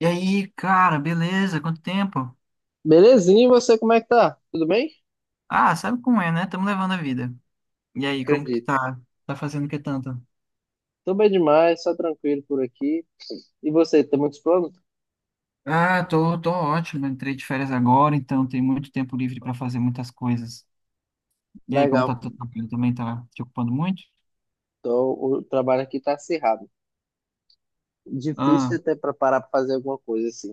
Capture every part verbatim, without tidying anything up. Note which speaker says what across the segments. Speaker 1: E aí, cara, beleza? Quanto tempo?
Speaker 2: Belezinha, e você como é que tá? Tudo bem?
Speaker 1: Ah, sabe como é, né? Estamos levando a vida. E aí, como que tu
Speaker 2: Acredito.
Speaker 1: tá? Tá fazendo o que tanto?
Speaker 2: Tô bem demais, só tranquilo por aqui. E você, tem muitos planos?
Speaker 1: Ah, tô, tô ótimo. Entrei de férias agora, então tem muito tempo livre para fazer muitas coisas. E aí, como tá
Speaker 2: Legal.
Speaker 1: teu trabalho também tá te ocupando muito?
Speaker 2: Então, o trabalho aqui tá acirrado. Difícil
Speaker 1: Ah,
Speaker 2: até pra parar pra fazer alguma coisa assim.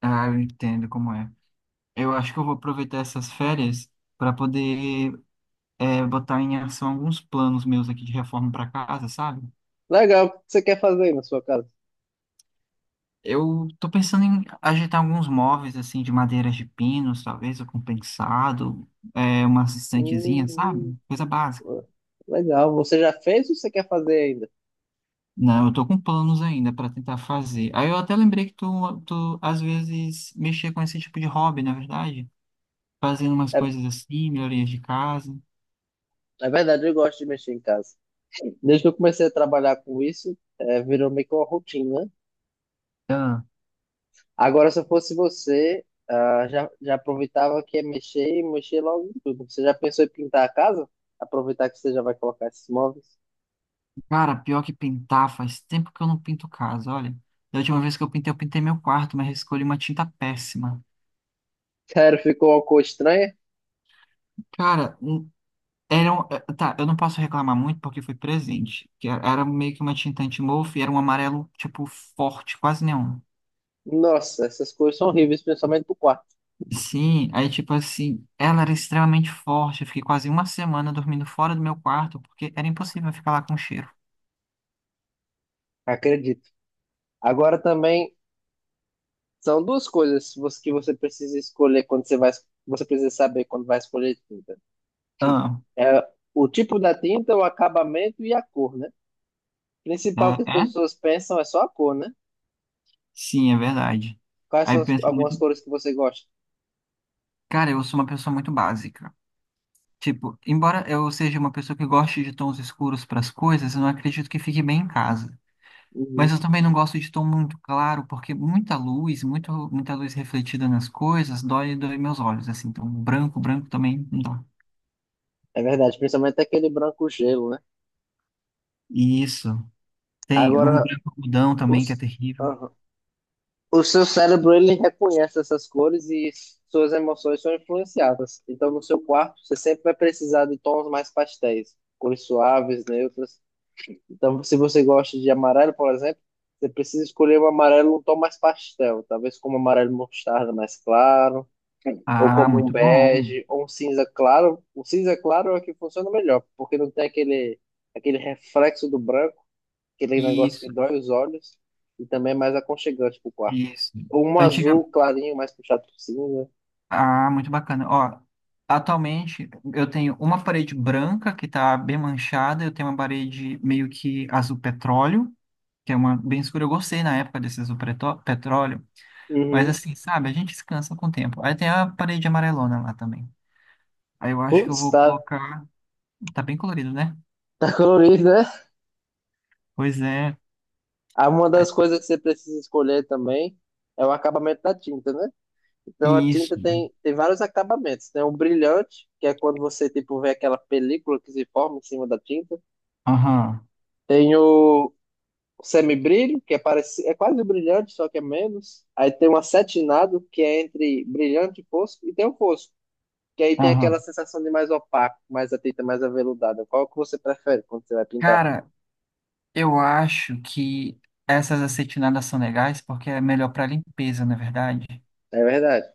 Speaker 1: ah, eu entendo como é. Eu acho que eu vou aproveitar essas férias para poder é, botar em ação alguns planos meus aqui de reforma para casa, sabe?
Speaker 2: Legal, o que você quer fazer aí na sua casa?
Speaker 1: Eu tô pensando em ajeitar alguns móveis, assim, de madeiras de pinos, talvez, ou compensado, pensado, é, umas estantezinha,
Speaker 2: Hum.
Speaker 1: sabe? Coisa básica.
Speaker 2: Hum. Legal, você já fez ou você quer fazer ainda?
Speaker 1: Não, eu tô com planos ainda para tentar fazer. Aí eu até lembrei que tu, tu, às vezes, mexia com esse tipo de hobby, na verdade. Fazendo umas
Speaker 2: É,
Speaker 1: coisas assim, melhorias de casa.
Speaker 2: é verdade, eu gosto de mexer em casa. Desde que eu comecei a trabalhar com isso, é, virou meio que uma rotina.
Speaker 1: Ah,
Speaker 2: Agora, se eu fosse você, ah, já, já aproveitava que é mexer e mexer logo em tudo. Você já pensou em pintar a casa? Aproveitar que você já vai colocar esses móveis.
Speaker 1: cara, pior que pintar, faz tempo que eu não pinto casa, olha. Da última vez que eu pintei, eu pintei meu quarto, mas escolhi uma tinta péssima.
Speaker 2: Cara, ficou uma cor estranha?
Speaker 1: Cara, Era um- eh, tá, eu não posso reclamar muito porque foi presente. Que era era meio que uma tinta anti-mofo e era um amarelo, tipo, forte, quase neon.
Speaker 2: Nossa, essas cores são horríveis, principalmente pro quarto.
Speaker 1: Sim, aí, tipo assim, ela era extremamente forte. Eu fiquei quase uma semana dormindo fora do meu quarto porque era impossível eu ficar lá com o cheiro.
Speaker 2: Acredito. Agora também são duas coisas que você que você precisa escolher quando você vai, você precisa saber quando vai escolher tinta. Que
Speaker 1: Ah,
Speaker 2: é o tipo da tinta, o acabamento e a cor, né? O principal que as
Speaker 1: é? É?
Speaker 2: pessoas pensam é só a cor, né?
Speaker 1: Sim, é verdade.
Speaker 2: Quais
Speaker 1: Aí
Speaker 2: são
Speaker 1: eu
Speaker 2: as-
Speaker 1: penso
Speaker 2: algumas
Speaker 1: muito,
Speaker 2: cores que você gosta?
Speaker 1: cara, eu sou uma pessoa muito básica. Tipo, embora eu seja uma pessoa que goste de tons escuros para as coisas, eu não acredito que fique bem em casa. Mas
Speaker 2: Uhum.
Speaker 1: eu também não gosto de tom muito claro, porque muita luz, muito, muita luz refletida nas coisas, dói, dói meus olhos, assim. Então, branco, branco também não dá.
Speaker 2: É verdade, principalmente aquele branco gelo, né?
Speaker 1: Isso. Tem um
Speaker 2: Agora,
Speaker 1: branco algodão
Speaker 2: o,
Speaker 1: também, que é
Speaker 2: s-
Speaker 1: terrível.
Speaker 2: aham. O seu cérebro, ele reconhece essas cores e suas emoções são influenciadas. Então, no seu quarto, você sempre vai precisar de tons mais pastéis, cores suaves, neutras. Então, se você gosta de amarelo, por exemplo, você precisa escolher um amarelo, um tom mais pastel, talvez como amarelo mostarda mais claro, ou
Speaker 1: Ah,
Speaker 2: como um
Speaker 1: muito bom.
Speaker 2: bege, ou um cinza claro. O cinza claro é o que funciona melhor, porque não tem aquele, aquele reflexo do branco, aquele negócio que
Speaker 1: Isso,
Speaker 2: dói os olhos e também é mais aconchegante pro quarto.
Speaker 1: isso.
Speaker 2: Ou um
Speaker 1: Antiga...
Speaker 2: azul clarinho, mais puxado por cima.
Speaker 1: Ah, muito bacana. Ó, atualmente, eu tenho uma parede branca, que tá bem manchada. Eu tenho uma parede meio que azul petróleo, que é uma bem escura. Eu gostei na época desse azul pretó- petróleo. Mas
Speaker 2: Uhum.
Speaker 1: assim, sabe, a gente se cansa com o tempo. Aí tem a parede amarelona lá também. Aí eu acho que eu
Speaker 2: Putz,
Speaker 1: vou
Speaker 2: tá,
Speaker 1: colocar. Tá bem colorido, né?
Speaker 2: tá colorido, né?
Speaker 1: Pois é.
Speaker 2: Ah, uma das coisas que você precisa escolher também é o acabamento da tinta, né? Então a tinta
Speaker 1: Isso.
Speaker 2: tem, tem vários acabamentos. Tem o brilhante, que é quando você tipo, vê aquela película que se forma em cima da tinta.
Speaker 1: Aham,
Speaker 2: Tem o semibrilho, que é, parecido, é quase o brilhante, só que é menos. Aí tem o acetinado, que é entre brilhante e fosco. E tem o fosco, que aí tem aquela
Speaker 1: aham.
Speaker 2: sensação de mais opaco, mais a tinta mais aveludada. Qual que você prefere quando você vai pintar?
Speaker 1: Cara, eu acho que essas acetinadas são legais porque é melhor para limpeza, na verdade.
Speaker 2: É verdade.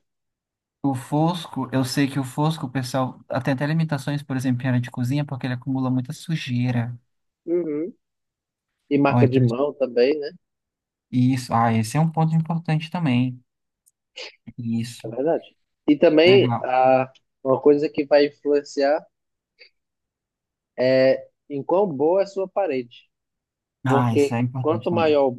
Speaker 1: O fosco, eu sei que o fosco, o pessoal tem até limitações, por exemplo, em área de cozinha, porque ele acumula muita sujeira.
Speaker 2: Uhum. E
Speaker 1: Ó,
Speaker 2: marca de
Speaker 1: então,
Speaker 2: mão também, né?
Speaker 1: isso. Ah, esse é um ponto importante também.
Speaker 2: É
Speaker 1: Isso.
Speaker 2: verdade. E também
Speaker 1: Legal.
Speaker 2: a, uma coisa que vai influenciar é em quão boa é a sua parede.
Speaker 1: Ah, isso é
Speaker 2: Porque
Speaker 1: importante
Speaker 2: quanto
Speaker 1: também.
Speaker 2: maior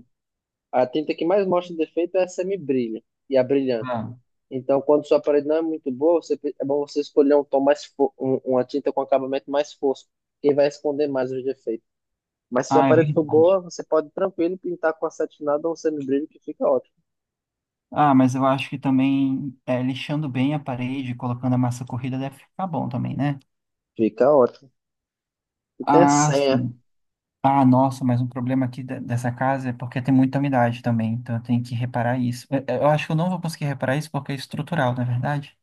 Speaker 2: a tinta que mais mostra defeito é a semibrilha e a brilhante.
Speaker 1: Ah.
Speaker 2: Então, quando sua parede não é muito boa, você, pre- é bom você escolher um tom mais fo- um, uma tinta com acabamento mais fosco, que vai esconder mais os defeitos. Mas se a
Speaker 1: Ah, é
Speaker 2: parede
Speaker 1: verdade.
Speaker 2: for boa, você pode tranquilo pintar com acetinado ou um semibrilho que fica ótimo.
Speaker 1: Ah, mas eu acho que também é, lixando bem a parede, colocando a massa corrida deve ficar bom também, né?
Speaker 2: Fica ótimo. E tem a
Speaker 1: Ah,
Speaker 2: senha.
Speaker 1: sim. Ah, nossa, mas um problema aqui de- dessa casa é porque tem muita umidade também, então eu tenho que reparar isso. Eu, eu acho que eu não vou conseguir reparar isso porque é estrutural, na é verdade?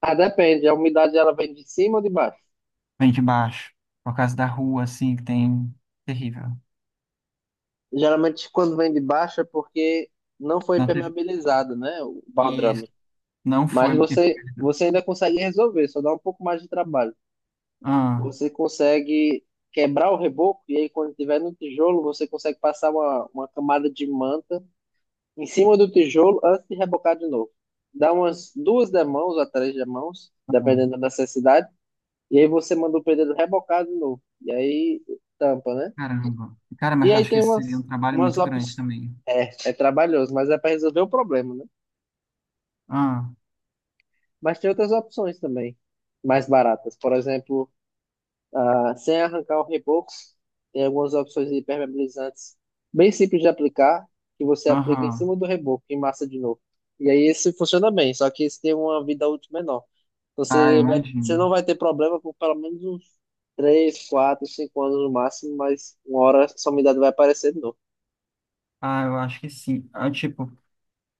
Speaker 2: Ah, depende. A umidade ela vem de cima ou de baixo?
Speaker 1: Vem de baixo, por causa da rua, assim, que tem... Terrível.
Speaker 2: Geralmente quando vem de baixo é porque não foi
Speaker 1: Não teve...
Speaker 2: impermeabilizado, né? O
Speaker 1: E
Speaker 2: baldrame.
Speaker 1: não foi...
Speaker 2: Mas você, você ainda consegue resolver, só dá um pouco mais de trabalho.
Speaker 1: Ah,
Speaker 2: Você consegue quebrar o reboco e aí quando tiver no tijolo, você consegue passar uma, uma camada de manta em cima do tijolo antes de rebocar de novo. Dá umas duas demãos ou três demãos, dependendo
Speaker 1: ah,
Speaker 2: da necessidade, e aí você manda o pedreiro rebocar de novo. E aí tampa, né?
Speaker 1: caramba. Cara,
Speaker 2: E
Speaker 1: mas eu
Speaker 2: aí
Speaker 1: acho que
Speaker 2: tem
Speaker 1: esse seria um
Speaker 2: umas,
Speaker 1: trabalho
Speaker 2: umas
Speaker 1: muito grande
Speaker 2: opções.
Speaker 1: também.
Speaker 2: É, é trabalhoso, mas é para resolver o problema, né?
Speaker 1: Ah,
Speaker 2: Mas tem outras opções também, mais baratas. Por exemplo, ah, sem arrancar o reboco, tem algumas opções de impermeabilizantes bem simples de aplicar, que você aplica em
Speaker 1: aham.
Speaker 2: cima do reboco e massa de novo. E aí esse funciona bem, só que esse tem uma vida útil menor.
Speaker 1: Ah, eu
Speaker 2: Você vai, você não
Speaker 1: imagino.
Speaker 2: vai ter problema por pelo menos uns três, quatro, cinco anos no máximo, mas uma hora essa umidade vai aparecer de novo.
Speaker 1: Ah, eu acho que sim. Ah, tipo,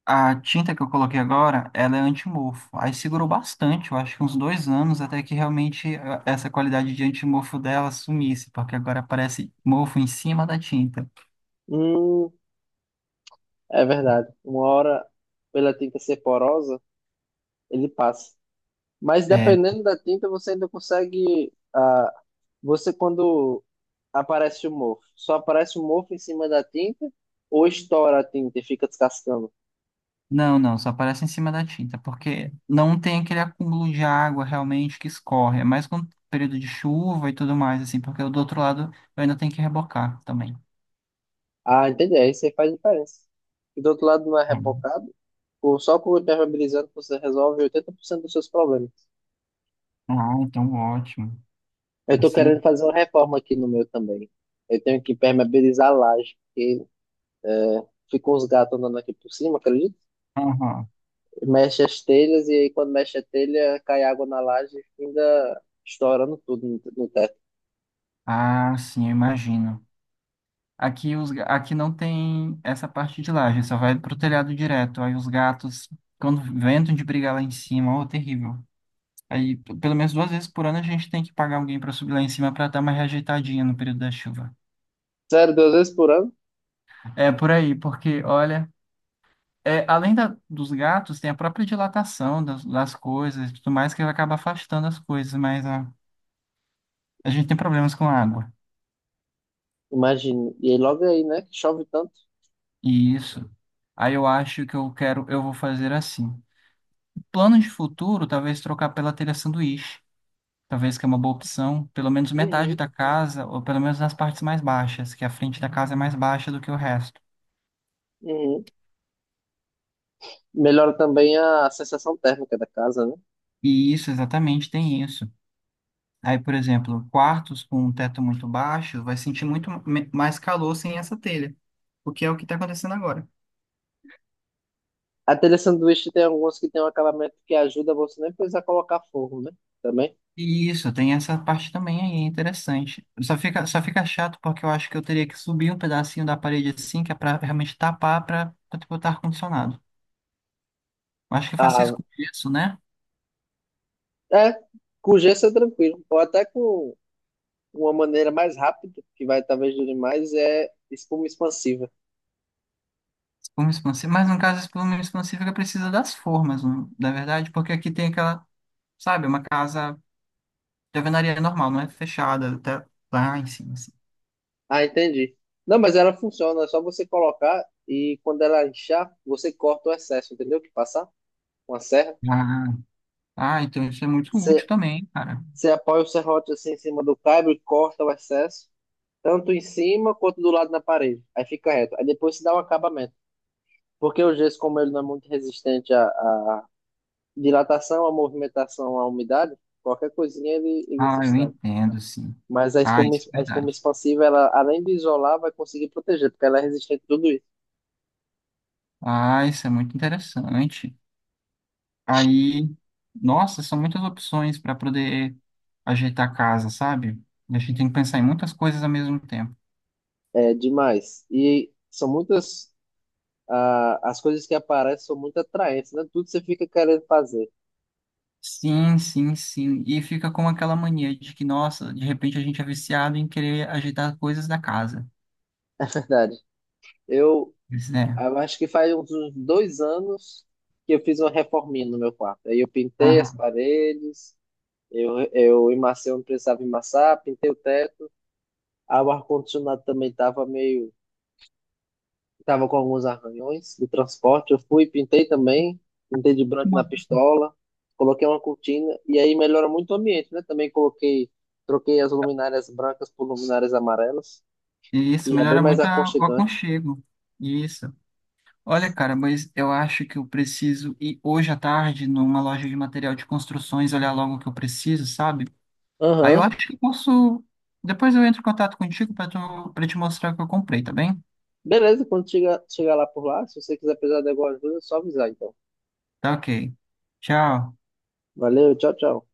Speaker 1: a tinta que eu coloquei agora, ela é antimofo. Aí segurou bastante, eu acho que uns dois anos, até que realmente ah, essa qualidade de antimofo dela sumisse, porque agora aparece mofo em cima da tinta.
Speaker 2: Hum. É verdade. Uma hora, pela tinta ser porosa, ele passa. Mas
Speaker 1: É,
Speaker 2: dependendo da tinta, você ainda consegue. Ah, você quando aparece o mofo. Só aparece o mofo em cima da tinta ou estoura a tinta e fica descascando.
Speaker 1: não, não, só aparece em cima da tinta, porque não tem aquele acúmulo de água realmente que escorre. É mais com período de chuva e tudo mais, assim, porque do outro lado eu ainda tenho que rebocar também.
Speaker 2: Ah, entendi. Aí você faz diferença. E do outro lado não é rebocado. Ou só com o impermeabilizante você resolve oitenta por cento dos seus problemas.
Speaker 1: Ah, então ótimo.
Speaker 2: Eu tô querendo
Speaker 1: Assim.
Speaker 2: fazer uma reforma aqui no meu também. Eu tenho que impermeabilizar a laje, porque é, ficam os gatos andando aqui por cima, acredito.
Speaker 1: Aham.
Speaker 2: Mexe as telhas e aí quando mexe a telha cai água na laje e ainda estourando tudo no, no teto.
Speaker 1: Ah, sim, eu imagino. Aqui, os, ga- aqui não tem essa parte de laje, só vai pro telhado direto. Aí os gatos, quando ventam de brigar lá em cima, ó, terrível. Aí, p- pelo menos duas vezes por ano, a gente tem que pagar alguém para subir lá em cima para dar uma reajeitadinha no período da chuva.
Speaker 2: Sério, duas vezes por ano?
Speaker 1: É por aí, porque, olha, é, além da- dos gatos, tem a própria dilatação das, das coisas e tudo mais que acaba afastando as coisas, mas a, a gente tem problemas com água.
Speaker 2: Imagino. E aí logo aí, né? Que chove tanto.
Speaker 1: E isso. Aí eu acho que eu quero, eu vou fazer assim. Planos de futuro, talvez trocar pela telha sanduíche. Talvez que é uma boa opção. Pelo menos metade
Speaker 2: Uhum.
Speaker 1: da casa, ou pelo menos nas partes mais baixas, que a frente da casa é mais baixa do que o resto.
Speaker 2: Uhum. Melhora também a sensação térmica da casa, né?
Speaker 1: E isso, exatamente, tem isso. Aí, por exemplo, quartos com um teto muito baixo vai sentir muito me- mais calor sem essa telha, o que é o que está acontecendo agora.
Speaker 2: A telha sanduíche tem alguns que tem um acabamento que ajuda você nem precisar colocar forro, né? Também.
Speaker 1: E isso, tem essa parte também aí, é interessante. Só fica, só fica chato porque eu acho que eu teria que subir um pedacinho da parede assim, que é para realmente tapar, para botar ar-condicionado. Acho que faço
Speaker 2: Ah,
Speaker 1: isso com gesso, né?
Speaker 2: é, com gesso é tranquilo. Ou até com uma maneira mais rápida, que vai talvez durar mais, é espuma expansiva.
Speaker 1: Espuma expansiva. Mas no caso, a espuma expansiva ela precisa das formas, não- na verdade, porque aqui tem aquela, sabe, uma casa de alvenaria normal, não é fechada, até lá em cima, assim.
Speaker 2: Ah, entendi. Não, mas ela funciona, é só você colocar e quando ela inchar, você corta o excesso, entendeu? Que passar com a serra.
Speaker 1: Ah, ah, então isso é muito útil também, cara.
Speaker 2: Você apoia o serrote assim em cima do cabo e corta o excesso, tanto em cima quanto do lado na parede. Aí fica reto. Aí depois se dá um acabamento. Porque o gesso, como ele não é muito resistente à, à dilatação, à movimentação, à umidade, qualquer coisinha ele, ele se
Speaker 1: Ah, eu
Speaker 2: estraga.
Speaker 1: entendo, sim.
Speaker 2: Mas a
Speaker 1: Ah,
Speaker 2: espuma,
Speaker 1: isso é
Speaker 2: a espuma
Speaker 1: verdade.
Speaker 2: expansiva, ela, além de isolar, vai conseguir proteger, porque ela é resistente a tudo isso.
Speaker 1: Ah, isso é muito interessante. Aí, nossa, são muitas opções para poder ajeitar a casa, sabe? A gente tem que pensar em muitas coisas ao mesmo tempo.
Speaker 2: É demais. E são muitas. Ah, as coisas que aparecem são muito atraentes, né? Tudo você fica querendo fazer,
Speaker 1: Sim, sim, sim. E fica com aquela mania de que, nossa, de repente a gente é viciado em querer ajeitar coisas da casa.
Speaker 2: verdade. Eu,
Speaker 1: Isso, né?
Speaker 2: Eu acho que faz uns dois anos que eu fiz uma reforminha no meu quarto. Aí eu pintei as
Speaker 1: Aham.
Speaker 2: paredes, eu, eu emaciei onde precisava emassar, pintei o teto. Aí o ar-condicionado também estava meio. Estava com alguns arranhões do transporte. Eu fui, pintei também, pintei de
Speaker 1: Muito
Speaker 2: branco na
Speaker 1: massa.
Speaker 2: pistola, coloquei uma cortina e aí melhora muito o ambiente, né? Também coloquei, troquei as luminárias brancas por luminárias amarelas,
Speaker 1: Isso,
Speaker 2: que é bem
Speaker 1: melhora
Speaker 2: mais
Speaker 1: muito a- o
Speaker 2: aconchegante.
Speaker 1: aconchego. Isso. Olha, cara, mas eu acho que eu preciso ir hoje à tarde numa loja de material de construções olhar logo o que eu preciso, sabe? Aí eu
Speaker 2: Aham.
Speaker 1: acho que eu posso. Depois eu entro em contato contigo para tu... para te mostrar o que eu comprei, tá bem?
Speaker 2: Beleza, quando chegar chega lá por lá, se você quiser precisar de alguma ajuda, é só avisar então.
Speaker 1: Tá ok. Tchau.
Speaker 2: Valeu, tchau, tchau.